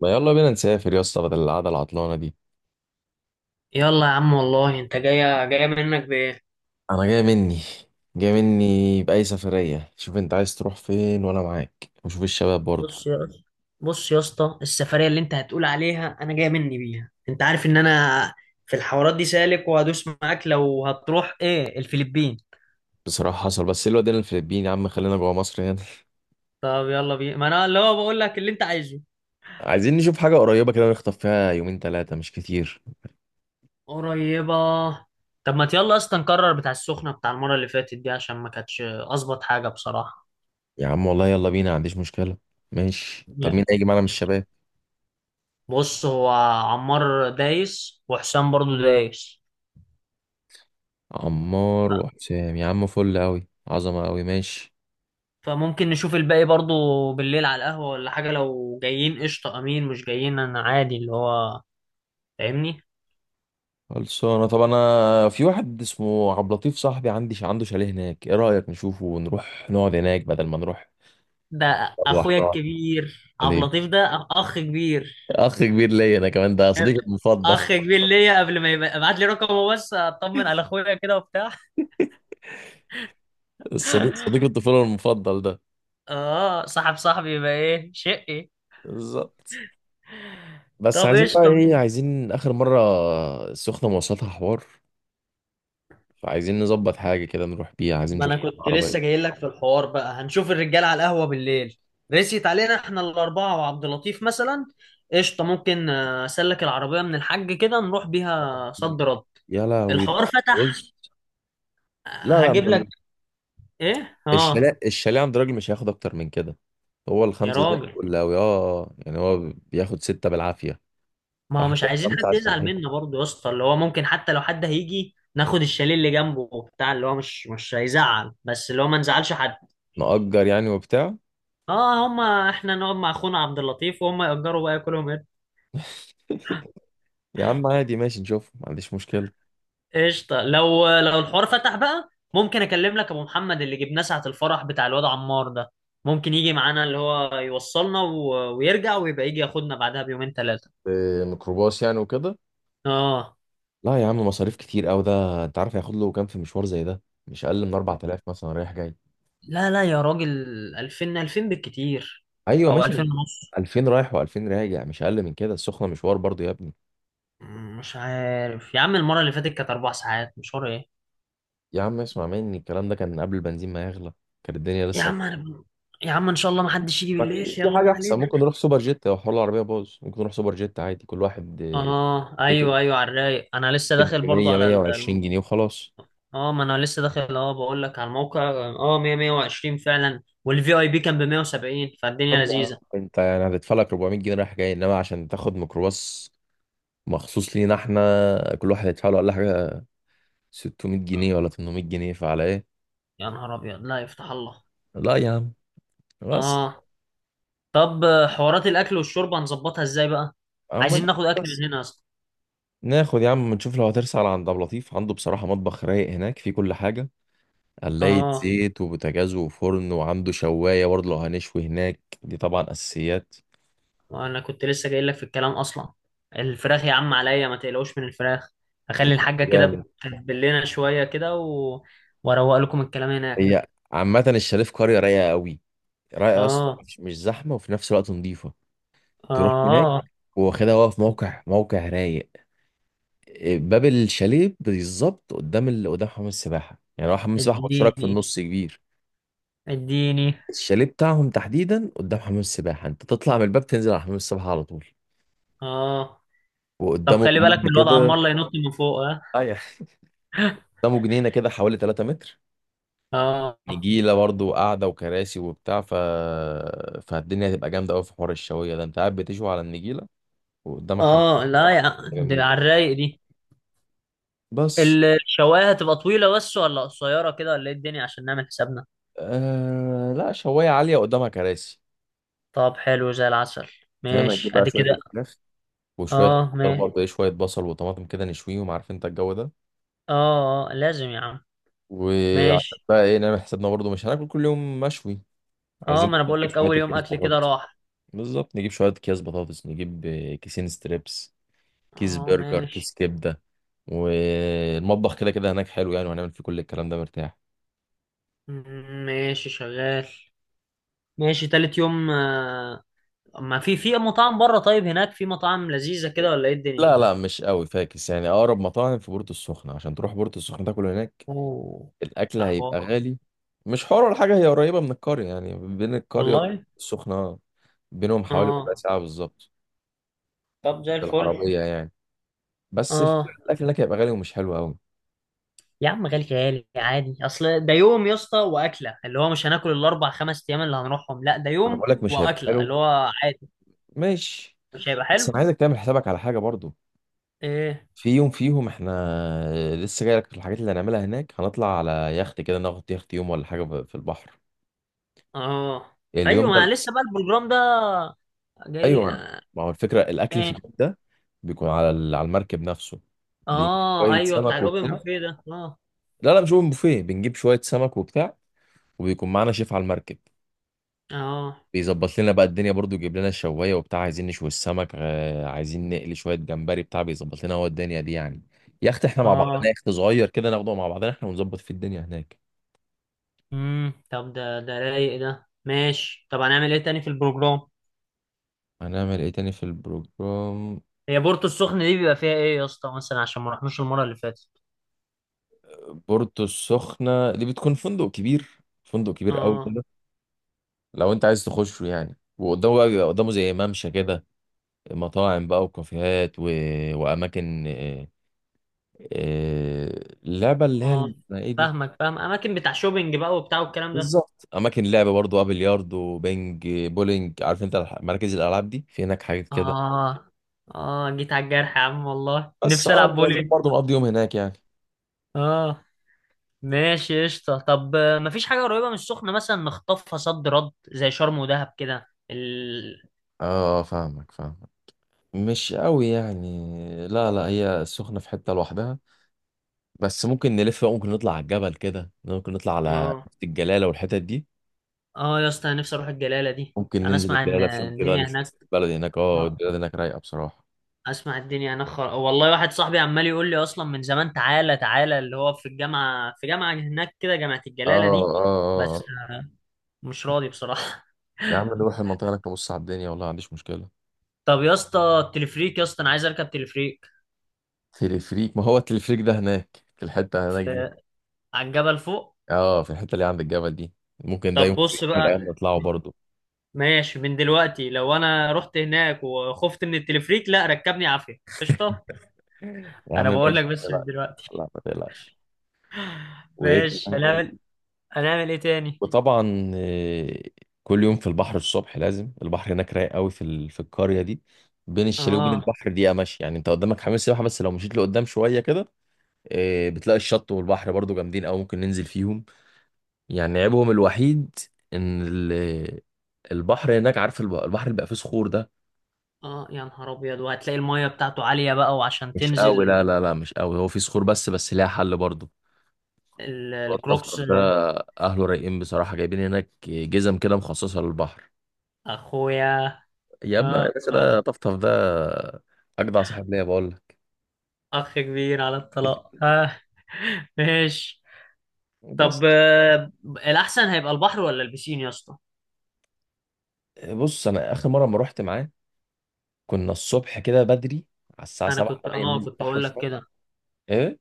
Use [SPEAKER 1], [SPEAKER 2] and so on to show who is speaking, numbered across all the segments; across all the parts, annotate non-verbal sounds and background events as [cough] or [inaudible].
[SPEAKER 1] ما يلا بينا نسافر يا اسطى بدل القعده العطلانه دي.
[SPEAKER 2] يلا يا عم والله، انت جايه جايه منك بايه.
[SPEAKER 1] انا جاي مني، باي سفريه، شوف انت عايز تروح فين وانا معاك، وشوف الشباب برضه.
[SPEAKER 2] بص يا بص يا اسطى، السفريه اللي انت هتقول عليها انا جايه مني بيها، انت عارف ان انا في الحوارات دي سالك وهدوس معاك، لو هتروح ايه الفلبين؟
[SPEAKER 1] بصراحه حصل، بس إيه الواد، هنا الفلبين يا عم؟ خلينا جوه مصر هنا [laughs]
[SPEAKER 2] طب يلا بينا، ما انا اللي هو بقول لك اللي انت عايزه.
[SPEAKER 1] عايزين نشوف حاجه قريبه كده، نخطف فيها يومين ثلاثه مش كتير.
[SPEAKER 2] قريبه. طب ما يلا اصلا نكرر بتاع السخنه بتاع المره اللي فاتت دي، عشان ما كانتش اظبط حاجه بصراحه.
[SPEAKER 1] يا عم والله يلا بينا، ما عنديش مشكله. ماشي، طب مين هيجي معانا من الشباب؟
[SPEAKER 2] بص، هو عمار دايس وحسام برضو دايس.
[SPEAKER 1] عمار وحسام، يا عم فل قوي، عظمه قوي. ماشي،
[SPEAKER 2] فممكن نشوف الباقي برضو بالليل على القهوة ولا حاجة، لو جايين قشطة، أمين مش جايين أنا عادي اللي هو فاهمني.
[SPEAKER 1] خلصانة. طب انا في واحد اسمه عبد اللطيف صاحبي، عندي عنده شاليه هناك، ايه رأيك نشوفه ونروح نقعد هناك بدل ما نروح
[SPEAKER 2] ده
[SPEAKER 1] نروح
[SPEAKER 2] أخويا
[SPEAKER 1] نقعد
[SPEAKER 2] الكبير عبد
[SPEAKER 1] ليه؟
[SPEAKER 2] اللطيف، ده أخ كبير.
[SPEAKER 1] اخ كبير ليا انا كمان، ده صديقي المفضل [laughs]
[SPEAKER 2] أخ كبير ليا، قبل ما يبقى ابعت لي رقمه بس أطمن على أخويا كده وبتاع.
[SPEAKER 1] الصديق صديق الطفولة المفضل ده.
[SPEAKER 2] آه، صاحب صاحبي، يبقى إيه شقي.
[SPEAKER 1] بالظبط. بس
[SPEAKER 2] طب
[SPEAKER 1] عايزين بقى
[SPEAKER 2] قشطة،
[SPEAKER 1] ايه، عايزين اخر مرة السخنة، مواصلاتها حوار. فعايزين نظبط حاجة كده نروح بيها، عايزين
[SPEAKER 2] ما
[SPEAKER 1] نشوف
[SPEAKER 2] انا كنت
[SPEAKER 1] عربية.
[SPEAKER 2] لسه جاي لك في الحوار، بقى هنشوف الرجال على القهوه بالليل. رسيت علينا احنا الاربعه وعبد اللطيف مثلا. قشطه ممكن، اسلك العربيه من الحاج كده نروح بيها صد رد.
[SPEAKER 1] يا لهوي.
[SPEAKER 2] الحوار فتح.
[SPEAKER 1] بص. لا لا،
[SPEAKER 2] هجيب لك. ايه. اه.
[SPEAKER 1] الشاليه عند راجل مش هياخد اكتر من كده. هو
[SPEAKER 2] يا
[SPEAKER 1] الخمسه زي
[SPEAKER 2] راجل.
[SPEAKER 1] الفل قوي، اه يعني هو بياخد سته بالعافيه.
[SPEAKER 2] ما هو
[SPEAKER 1] فاحنا
[SPEAKER 2] مش
[SPEAKER 1] نروح
[SPEAKER 2] عايزين
[SPEAKER 1] خمسه
[SPEAKER 2] حد
[SPEAKER 1] عشان
[SPEAKER 2] يزعل منا
[SPEAKER 1] ايه،
[SPEAKER 2] برضه يا اسطى، اللي هو ممكن حتى لو حد هيجي ناخد الشاليه اللي جنبه وبتاع، اللي هو مش هيزعل، بس اللي هو ما نزعلش حد.
[SPEAKER 1] نأجر يعني وبتاع.
[SPEAKER 2] اه، هما احنا نقعد مع اخونا عبد اللطيف وهم يأجروا بقى كلهم.
[SPEAKER 1] يا عم عادي ماشي، نشوف، ما عنديش مشكله.
[SPEAKER 2] قشطة لو الحوار فتح بقى، ممكن اكلم لك ابو محمد اللي جبناه ساعة الفرح بتاع الواد عمار ده، ممكن يجي معانا اللي هو يوصلنا ويرجع ويبقى يجي ياخدنا بعدها بيومين ثلاثة.
[SPEAKER 1] إيه، ميكروباص يعني وكده؟
[SPEAKER 2] اه،
[SPEAKER 1] لا يا عم، مصاريف كتير قوي ده، انت عارف هياخد له كام في مشوار زي ده؟ مش اقل من 4000 مثلا رايح جاي.
[SPEAKER 2] لا لا يا راجل. 2000 2000 بالكتير،
[SPEAKER 1] ايوه
[SPEAKER 2] او
[SPEAKER 1] ماشي،
[SPEAKER 2] 2000 ونص.
[SPEAKER 1] 2000 رايح و2000 راجع، مش اقل من كده، السخنه مشوار برضو يا ابني.
[SPEAKER 2] مش عارف يا عم، المرة اللي فاتت كانت 4 ساعات مشوار، ايه.
[SPEAKER 1] يا عم اسمع مني، الكلام ده كان قبل البنزين ما يغلى، كانت الدنيا
[SPEAKER 2] يا
[SPEAKER 1] لسه.
[SPEAKER 2] عم أنا. يا عم ان شاء الله ما حدش يجي
[SPEAKER 1] ما
[SPEAKER 2] بالليل،
[SPEAKER 1] في في
[SPEAKER 2] يلا ما
[SPEAKER 1] حاجة أحسن،
[SPEAKER 2] علينا.
[SPEAKER 1] ممكن نروح سوبر جيت، لو حوار العربية باظ ممكن نروح سوبر جيت عادي، كل واحد
[SPEAKER 2] اه
[SPEAKER 1] تيكت
[SPEAKER 2] ايوه ايوه على الرايق، انا لسه داخل
[SPEAKER 1] تيكت
[SPEAKER 2] برضو
[SPEAKER 1] 100
[SPEAKER 2] على.
[SPEAKER 1] 120 جنيه وخلاص.
[SPEAKER 2] اه، ما انا لسه داخل، اه بقول لك على الموقع، اه 100 120 فعلا، والفي اي بي كان ب 170،
[SPEAKER 1] طب
[SPEAKER 2] فالدنيا
[SPEAKER 1] يا عم
[SPEAKER 2] لذيذه.
[SPEAKER 1] أنت يعني هتدفع لك 400 جنيه رايح جاي إنما عشان تاخد ميكروباص مخصوص لينا، إحنا كل واحد يدفع له ولا حاجة، 600 جنيه ولا 800 جنيه، فعلى إيه؟
[SPEAKER 2] يا نهار ابيض، لا يفتح الله.
[SPEAKER 1] لا يا عم، بس.
[SPEAKER 2] اه. طب حوارات الاكل والشرب هنظبطها ازاي بقى؟
[SPEAKER 1] عم،
[SPEAKER 2] عايزين ناخد اكل
[SPEAKER 1] بس.
[SPEAKER 2] من هنا اصلا.
[SPEAKER 1] ناخد يا عم، نشوف لو هترسل على عند أبو لطيف، عنده بصراحة مطبخ رايق هناك فيه كل حاجة، قلاية
[SPEAKER 2] اه،
[SPEAKER 1] زيت وبوتاجاز وفرن، وعنده شواية برضه لو هنشوي هناك، دي طبعا أساسيات.
[SPEAKER 2] وانا كنت لسه جاي لك في الكلام اصلا. الفراخ يا عم عليا، ما تقلقوش من الفراخ. هخلي الحاجه كده
[SPEAKER 1] جامد.
[SPEAKER 2] تتبل لنا شويه كده واروق لكم الكلام هناك.
[SPEAKER 1] هي عامة الشاليه في قرية رايقة قوي، رايقة يا اسطى،
[SPEAKER 2] اه
[SPEAKER 1] مش زحمة وفي نفس الوقت نظيفة. تروح هناك
[SPEAKER 2] اه
[SPEAKER 1] واخدها، واقف موقع رايق. باب الشاليه بالظبط قدام ال... قدام حمام السباحة، يعني هو حمام السباحة مشترك في
[SPEAKER 2] اديني
[SPEAKER 1] النص كبير.
[SPEAKER 2] اديني.
[SPEAKER 1] الشاليه بتاعهم تحديدا قدام حمام السباحة، انت تطلع من الباب تنزل على حمام السباحة على طول،
[SPEAKER 2] اه، طب
[SPEAKER 1] وقدامه
[SPEAKER 2] خلي بالك من
[SPEAKER 1] جنينة
[SPEAKER 2] الوضع
[SPEAKER 1] كده.
[SPEAKER 2] عمال لا ينط من فوق، ها.
[SPEAKER 1] ايوه، قدامه جنينة كده حوالي 3 متر،
[SPEAKER 2] اه
[SPEAKER 1] نجيله برضو وقعده وكراسي وبتاع، ف فالدنيا هتبقى جامده قوي، في حوار الشويه ده انت قاعد بتشوي على النجيله وقدامك حمام.
[SPEAKER 2] اه، لا، يا دي
[SPEAKER 1] جميله.
[SPEAKER 2] على الرايق دي.
[SPEAKER 1] بس
[SPEAKER 2] الشوايه هتبقى طويله بس ولا قصيره كده ولا ايه الدنيا، عشان نعمل حسابنا؟
[SPEAKER 1] آه لا، شوايه عاليه قدامها كراسي.
[SPEAKER 2] طب حلو زي العسل.
[SPEAKER 1] فاهم، هتجيب
[SPEAKER 2] ماشي
[SPEAKER 1] بقى
[SPEAKER 2] ادي
[SPEAKER 1] شويه [laughs]
[SPEAKER 2] كده.
[SPEAKER 1] الفراخ وشويه
[SPEAKER 2] اه
[SPEAKER 1] خضار
[SPEAKER 2] ماشي.
[SPEAKER 1] برضه، ايه شويه بصل وطماطم كده نشويهم، عارف انت الجو ده.
[SPEAKER 2] اه اه لازم يا عم.
[SPEAKER 1] وعشان
[SPEAKER 2] ماشي.
[SPEAKER 1] بقى ايه نعمل حسابنا برضه، مش هناكل كل يوم مشوي،
[SPEAKER 2] اه
[SPEAKER 1] عايزين
[SPEAKER 2] ما انا بقول
[SPEAKER 1] نجيب
[SPEAKER 2] لك
[SPEAKER 1] شويه
[SPEAKER 2] اول يوم
[SPEAKER 1] اكياس
[SPEAKER 2] اكل كده
[SPEAKER 1] بطاطس.
[SPEAKER 2] راح.
[SPEAKER 1] بالظبط، نجيب شويه اكياس بطاطس، نجيب كيسين ستريبس، كيس
[SPEAKER 2] اه
[SPEAKER 1] برجر،
[SPEAKER 2] ماشي.
[SPEAKER 1] كيس كبده. والمطبخ كده كده هناك حلو يعني، وهنعمل فيه كل الكلام ده مرتاح.
[SPEAKER 2] ماشي شغال. ماشي تالت يوم، ما في مطاعم بره، طيب هناك في مطاعم لذيذه كده ولا ايه الدنيا.
[SPEAKER 1] لا مش قوي فاكس يعني، اقرب مطاعم في بورتو السخنه، عشان تروح بورتو السخنه تاكل هناك
[SPEAKER 2] اوه.
[SPEAKER 1] الاكل
[SPEAKER 2] ده حوار.
[SPEAKER 1] هيبقى غالي. مش حوار ولا حاجه، هي قريبه من القريه يعني، بين القريه
[SPEAKER 2] والله
[SPEAKER 1] والسخنه بينهم حوالي ربع
[SPEAKER 2] اه.
[SPEAKER 1] ساعه بالظبط،
[SPEAKER 2] طب زي الفل.
[SPEAKER 1] بالعربيه يعني. بس الفكرة
[SPEAKER 2] اه
[SPEAKER 1] الاكل هناك هيبقى غالي ومش حلو قوي،
[SPEAKER 2] يا عم، غالي غالي عادي، اصل ده يوم يا اسطى واكله، اللي هو مش هناكل الاربع خمس ايام اللي هنروحهم، لا ده
[SPEAKER 1] انا
[SPEAKER 2] يوم
[SPEAKER 1] بقول لك مش هيبقى
[SPEAKER 2] واكله
[SPEAKER 1] حلو.
[SPEAKER 2] اللي هو عادي.
[SPEAKER 1] ماشي.
[SPEAKER 2] مش هيبقى
[SPEAKER 1] بس
[SPEAKER 2] حلو.
[SPEAKER 1] انا عايزك تعمل حسابك على حاجه برضو.
[SPEAKER 2] ايه؟
[SPEAKER 1] في يوم فيهم، احنا لسه جاي لك في الحاجات اللي هنعملها هناك، هنطلع على يخت كده، ناخد يخت يوم ولا حاجه ب- في البحر
[SPEAKER 2] اه
[SPEAKER 1] اليوم
[SPEAKER 2] ايوه، ما
[SPEAKER 1] ده.
[SPEAKER 2] لسه بقى البروجرام ده جاي،
[SPEAKER 1] ايوه. ما هو الفكره الاكل في
[SPEAKER 2] ايه.
[SPEAKER 1] اليوم ده بيكون على ال- على المركب نفسه، بنجيب
[SPEAKER 2] اه
[SPEAKER 1] شويه
[SPEAKER 2] ايوه بتاع
[SPEAKER 1] سمك
[SPEAKER 2] الاوبن
[SPEAKER 1] وبتاع.
[SPEAKER 2] بوفيه ده اه.
[SPEAKER 1] لا مش اوبن بوفيه، بنجيب شويه سمك وبتاع، وبيكون معانا شيف على المركب،
[SPEAKER 2] اه
[SPEAKER 1] بيظبط لنا بقى الدنيا برضو، يجيب لنا الشوايه وبتاع، عايزين نشوي السمك عايزين نقلي شويه جمبري بتاع بيظبط لنا هو الدنيا دي يعني. يخت احنا مع بعضنا،
[SPEAKER 2] اه
[SPEAKER 1] يخت صغير كده ناخده مع بعضنا احنا، ونظبط في الدنيا هناك.
[SPEAKER 2] طب ده رايق ده ماشي، طب هنعمل ايه تاني في البروجرام؟
[SPEAKER 1] هنعمل ايه تاني في البروجرام؟
[SPEAKER 2] هي بورتو السخنة دي بيبقى فيها ايه يا اسطى مثلا، عشان ما رحناش المرة اللي فاتت.
[SPEAKER 1] بورتو السخنة دي بتكون فندق كبير، فندق كبير قوي
[SPEAKER 2] اه
[SPEAKER 1] كده، لو انت عايز تخشه يعني. وقدامه بقى بيبقى قدامه زي ممشى كده، مطاعم بقى وكافيهات و... واماكن اللعبة اللي هي
[SPEAKER 2] اه
[SPEAKER 1] ال- اسمها ايه دي؟
[SPEAKER 2] فاهمك، فاهم، اماكن بتاع شوبينج بقى وبتاع والكلام ده.
[SPEAKER 1] بالظبط، اماكن لعبة برضو بقى، بلياردو، بينج، بولينج، عارف انت الح- مراكز الالعاب دي، في هناك حاجات كده.
[SPEAKER 2] اه اه، جيت على الجرح يا عم، والله
[SPEAKER 1] بس
[SPEAKER 2] نفسي
[SPEAKER 1] اه،
[SPEAKER 2] العب
[SPEAKER 1] نروح
[SPEAKER 2] بولينج.
[SPEAKER 1] برضو نقضي يوم هناك يعني.
[SPEAKER 2] اه ماشي قشطة. طب مفيش حاجة قريبة من السخنة مثلا نخطفها صد رد زي شرم ودهب كده
[SPEAKER 1] اه فاهمك، مش قوي يعني، لا لا هي السخنة في حتة لوحدها. بس ممكن نلف بقى، ممكن نطلع على الجبل كده، ممكن نطلع على
[SPEAKER 2] اه
[SPEAKER 1] حتة الجلالة والحتت دي.
[SPEAKER 2] اه يا اسطى، انا نفسي اروح الجلالة دي.
[SPEAKER 1] ممكن
[SPEAKER 2] انا
[SPEAKER 1] ننزل
[SPEAKER 2] اسمع ان
[SPEAKER 1] الجلالة فين كده
[SPEAKER 2] الدنيا هناك.
[SPEAKER 1] نشوف البلد هناك، اه
[SPEAKER 2] آه،
[SPEAKER 1] البلد هناك رايقة بصراحة.
[SPEAKER 2] اسمع الدنيا هناك والله واحد صاحبي عمال يقول لي اصلا من زمان، تعالى تعالى، اللي هو في الجامعة، في جامعة هناك كده جامعة
[SPEAKER 1] اه
[SPEAKER 2] الجلالة دي.
[SPEAKER 1] اه اه
[SPEAKER 2] بس آه، مش راضي بصراحة.
[SPEAKER 1] يا عم نروح المنطقة هناك نبص على الدنيا، والله ما عنديش مشكلة.
[SPEAKER 2] طب يا اسطى التلفريك يا اسطى، انا عايز اركب تلفريك.
[SPEAKER 1] تلفريك؟ ما هو التلفريك ده هناك في الحتة هناك دي،
[SPEAKER 2] في، على الجبل فوق.
[SPEAKER 1] اه في الحتة اللي عند الجبل دي. ممكن ده
[SPEAKER 2] طب
[SPEAKER 1] يوم
[SPEAKER 2] بص
[SPEAKER 1] من
[SPEAKER 2] بقى.
[SPEAKER 1] الأيام نطلعه برضه.
[SPEAKER 2] ماشي. من دلوقتي لو انا رحت هناك وخفت من التلفريك لا ركبني عافية، قشطة.
[SPEAKER 1] يا عم
[SPEAKER 2] انا بقول لك
[SPEAKER 1] ماشي،
[SPEAKER 2] بس
[SPEAKER 1] لا
[SPEAKER 2] من دلوقتي.
[SPEAKER 1] لا ما تقلقش.
[SPEAKER 2] [laughs]
[SPEAKER 1] وايه
[SPEAKER 2] ماشي.
[SPEAKER 1] كمان؟
[SPEAKER 2] هنعمل ايه تاني.
[SPEAKER 1] وطبعا كل يوم في البحر الصبح، لازم، البحر هناك رايق قوي، في ال- في القريه دي بين الشاليه وبين
[SPEAKER 2] اه
[SPEAKER 1] البحر دقيقه ماشي يعني، انت قدامك حمام سباحه، بس لو مشيت لقدام شويه كده بتلاقي الشط والبحر برضو جامدين قوي، ممكن ننزل فيهم. يعني عيبهم الوحيد ان ال- البحر هناك، عارف الب- البحر اللي بقى فيه صخور ده؟
[SPEAKER 2] اه يا نهار ابيض، وهتلاقي المية بتاعته عالية بقى وعشان
[SPEAKER 1] مش قوي، لا
[SPEAKER 2] تنزل.
[SPEAKER 1] لا لا مش قوي، هو فيه صخور بس، بس ليها حل برضو.
[SPEAKER 2] الكروكس.
[SPEAKER 1] الطفطف ده اهله رايقين بصراحه، جايبين هناك جزم كده مخصصه للبحر.
[SPEAKER 2] اخويا.
[SPEAKER 1] يا ابني يا
[SPEAKER 2] اه
[SPEAKER 1] باشا ده طفطف ده، اجدع صاحب ليا بقول لك.
[SPEAKER 2] اخ كبير على الطلاق اه. [laughs] ماشي. طب
[SPEAKER 1] بس.
[SPEAKER 2] الأحسن هيبقى البحر ولا البسين يا اسطى؟
[SPEAKER 1] بص انا اخر مره ما رحت معاه، كنا الصبح كده بدري، على الساعه
[SPEAKER 2] أنا
[SPEAKER 1] 7
[SPEAKER 2] كنت
[SPEAKER 1] 8
[SPEAKER 2] آه
[SPEAKER 1] ننزل
[SPEAKER 2] كنت
[SPEAKER 1] البحر
[SPEAKER 2] هقول لك
[SPEAKER 1] شويه.
[SPEAKER 2] كده.
[SPEAKER 1] ايه،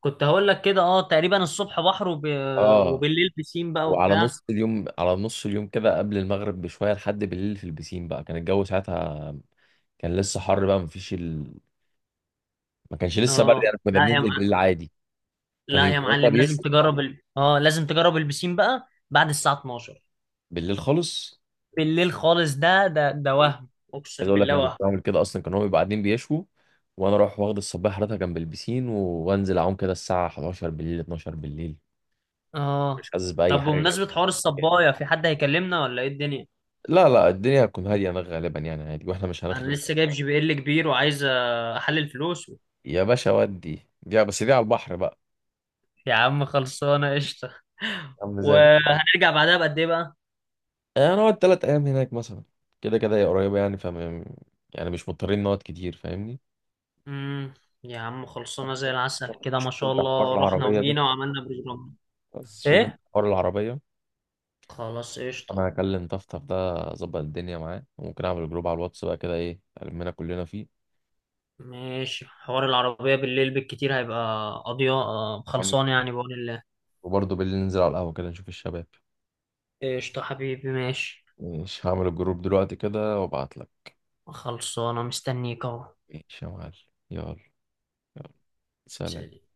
[SPEAKER 2] كنت هقول لك كده تقريبا الصبح بحر
[SPEAKER 1] اه.
[SPEAKER 2] وبالليل بسين بقى
[SPEAKER 1] وعلى
[SPEAKER 2] وبتاع.
[SPEAKER 1] نص اليوم، كده قبل المغرب بشويه لحد بالليل في البسين بقى، كان الجو ساعتها كان لسه حر بقى، مفيش ال... ما كانش لسه برد
[SPEAKER 2] آه
[SPEAKER 1] يعني، كنا
[SPEAKER 2] لا يا
[SPEAKER 1] بننزل بالليل
[SPEAKER 2] مع...
[SPEAKER 1] عادي. كانوا
[SPEAKER 2] لا يا
[SPEAKER 1] يبقوا هما
[SPEAKER 2] معلم لازم
[SPEAKER 1] بيشوا
[SPEAKER 2] تجرب ال... آه لازم تجرب البسين بقى بعد الساعة 12.
[SPEAKER 1] بالليل خالص،
[SPEAKER 2] بالليل خالص ده وهم
[SPEAKER 1] عايز
[SPEAKER 2] أقسم
[SPEAKER 1] اقول لك
[SPEAKER 2] بالله
[SPEAKER 1] انا كنت
[SPEAKER 2] وهم.
[SPEAKER 1] بعمل كده اصلا، كان هو بيبقى قاعدين بيشوا، وانا اروح واخد الصباح حضرتها جنب البسين وانزل اعوم كده الساعه 11 بالليل 12 بالليل،
[SPEAKER 2] آه.
[SPEAKER 1] مش حاسس باي
[SPEAKER 2] طب
[SPEAKER 1] حاجه.
[SPEAKER 2] بمناسبة حوار الصباية، في حد هيكلمنا ولا إيه الدنيا؟
[SPEAKER 1] لا الدنيا هتكون هاديه انا غالبا، يعني عادي واحنا مش
[SPEAKER 2] أنا
[SPEAKER 1] هنخرب.
[SPEAKER 2] لسه جايب GPL كبير، وعايز أحلل فلوس.
[SPEAKER 1] يا باشا ودي، دي بس على البحر بقى،
[SPEAKER 2] يا عم خلصانة قشطة.
[SPEAKER 1] عامل زي.
[SPEAKER 2] وهنرجع بعدها بقد ايه بقى؟
[SPEAKER 1] هنقعد ثلاث ايام هناك مثلا، كده كده هي قريبه يعني، فم يعني مش مضطرين نقعد كتير، فاهمني.
[SPEAKER 2] امم يا عم خلصانة زي
[SPEAKER 1] [laughs]
[SPEAKER 2] العسل كده، ما
[SPEAKER 1] شوف
[SPEAKER 2] شاء
[SPEAKER 1] انت حوار
[SPEAKER 2] الله، رحنا
[SPEAKER 1] العربيه ده،
[SPEAKER 2] وجينا وعملنا بروجرام.
[SPEAKER 1] بس شوف انت
[SPEAKER 2] ايه؟
[SPEAKER 1] حوار العربيه.
[SPEAKER 2] خلاص
[SPEAKER 1] انا
[SPEAKER 2] قشطة.
[SPEAKER 1] هكلم طفطف ده، اظبط الدنيا معاه، وممكن اعمل جروب على الواتس بقى كده، ايه المنا كلنا فيه.
[SPEAKER 2] ماشي، حوار العربية بالليل بالكتير هيبقى قضية،
[SPEAKER 1] أم-
[SPEAKER 2] خلصانة يعني بقول الله.
[SPEAKER 1] وبرضه بالليل ننزل على القهوه كده نشوف الشباب.
[SPEAKER 2] قشطة حبيبي ماشي.
[SPEAKER 1] مش هعمل الجروب دلوقتي كده وابعت لك.
[SPEAKER 2] خلصانة مستنيك اهو.
[SPEAKER 1] ماشي يا معلم. يلا. يلا. سلام.
[SPEAKER 2] سلام.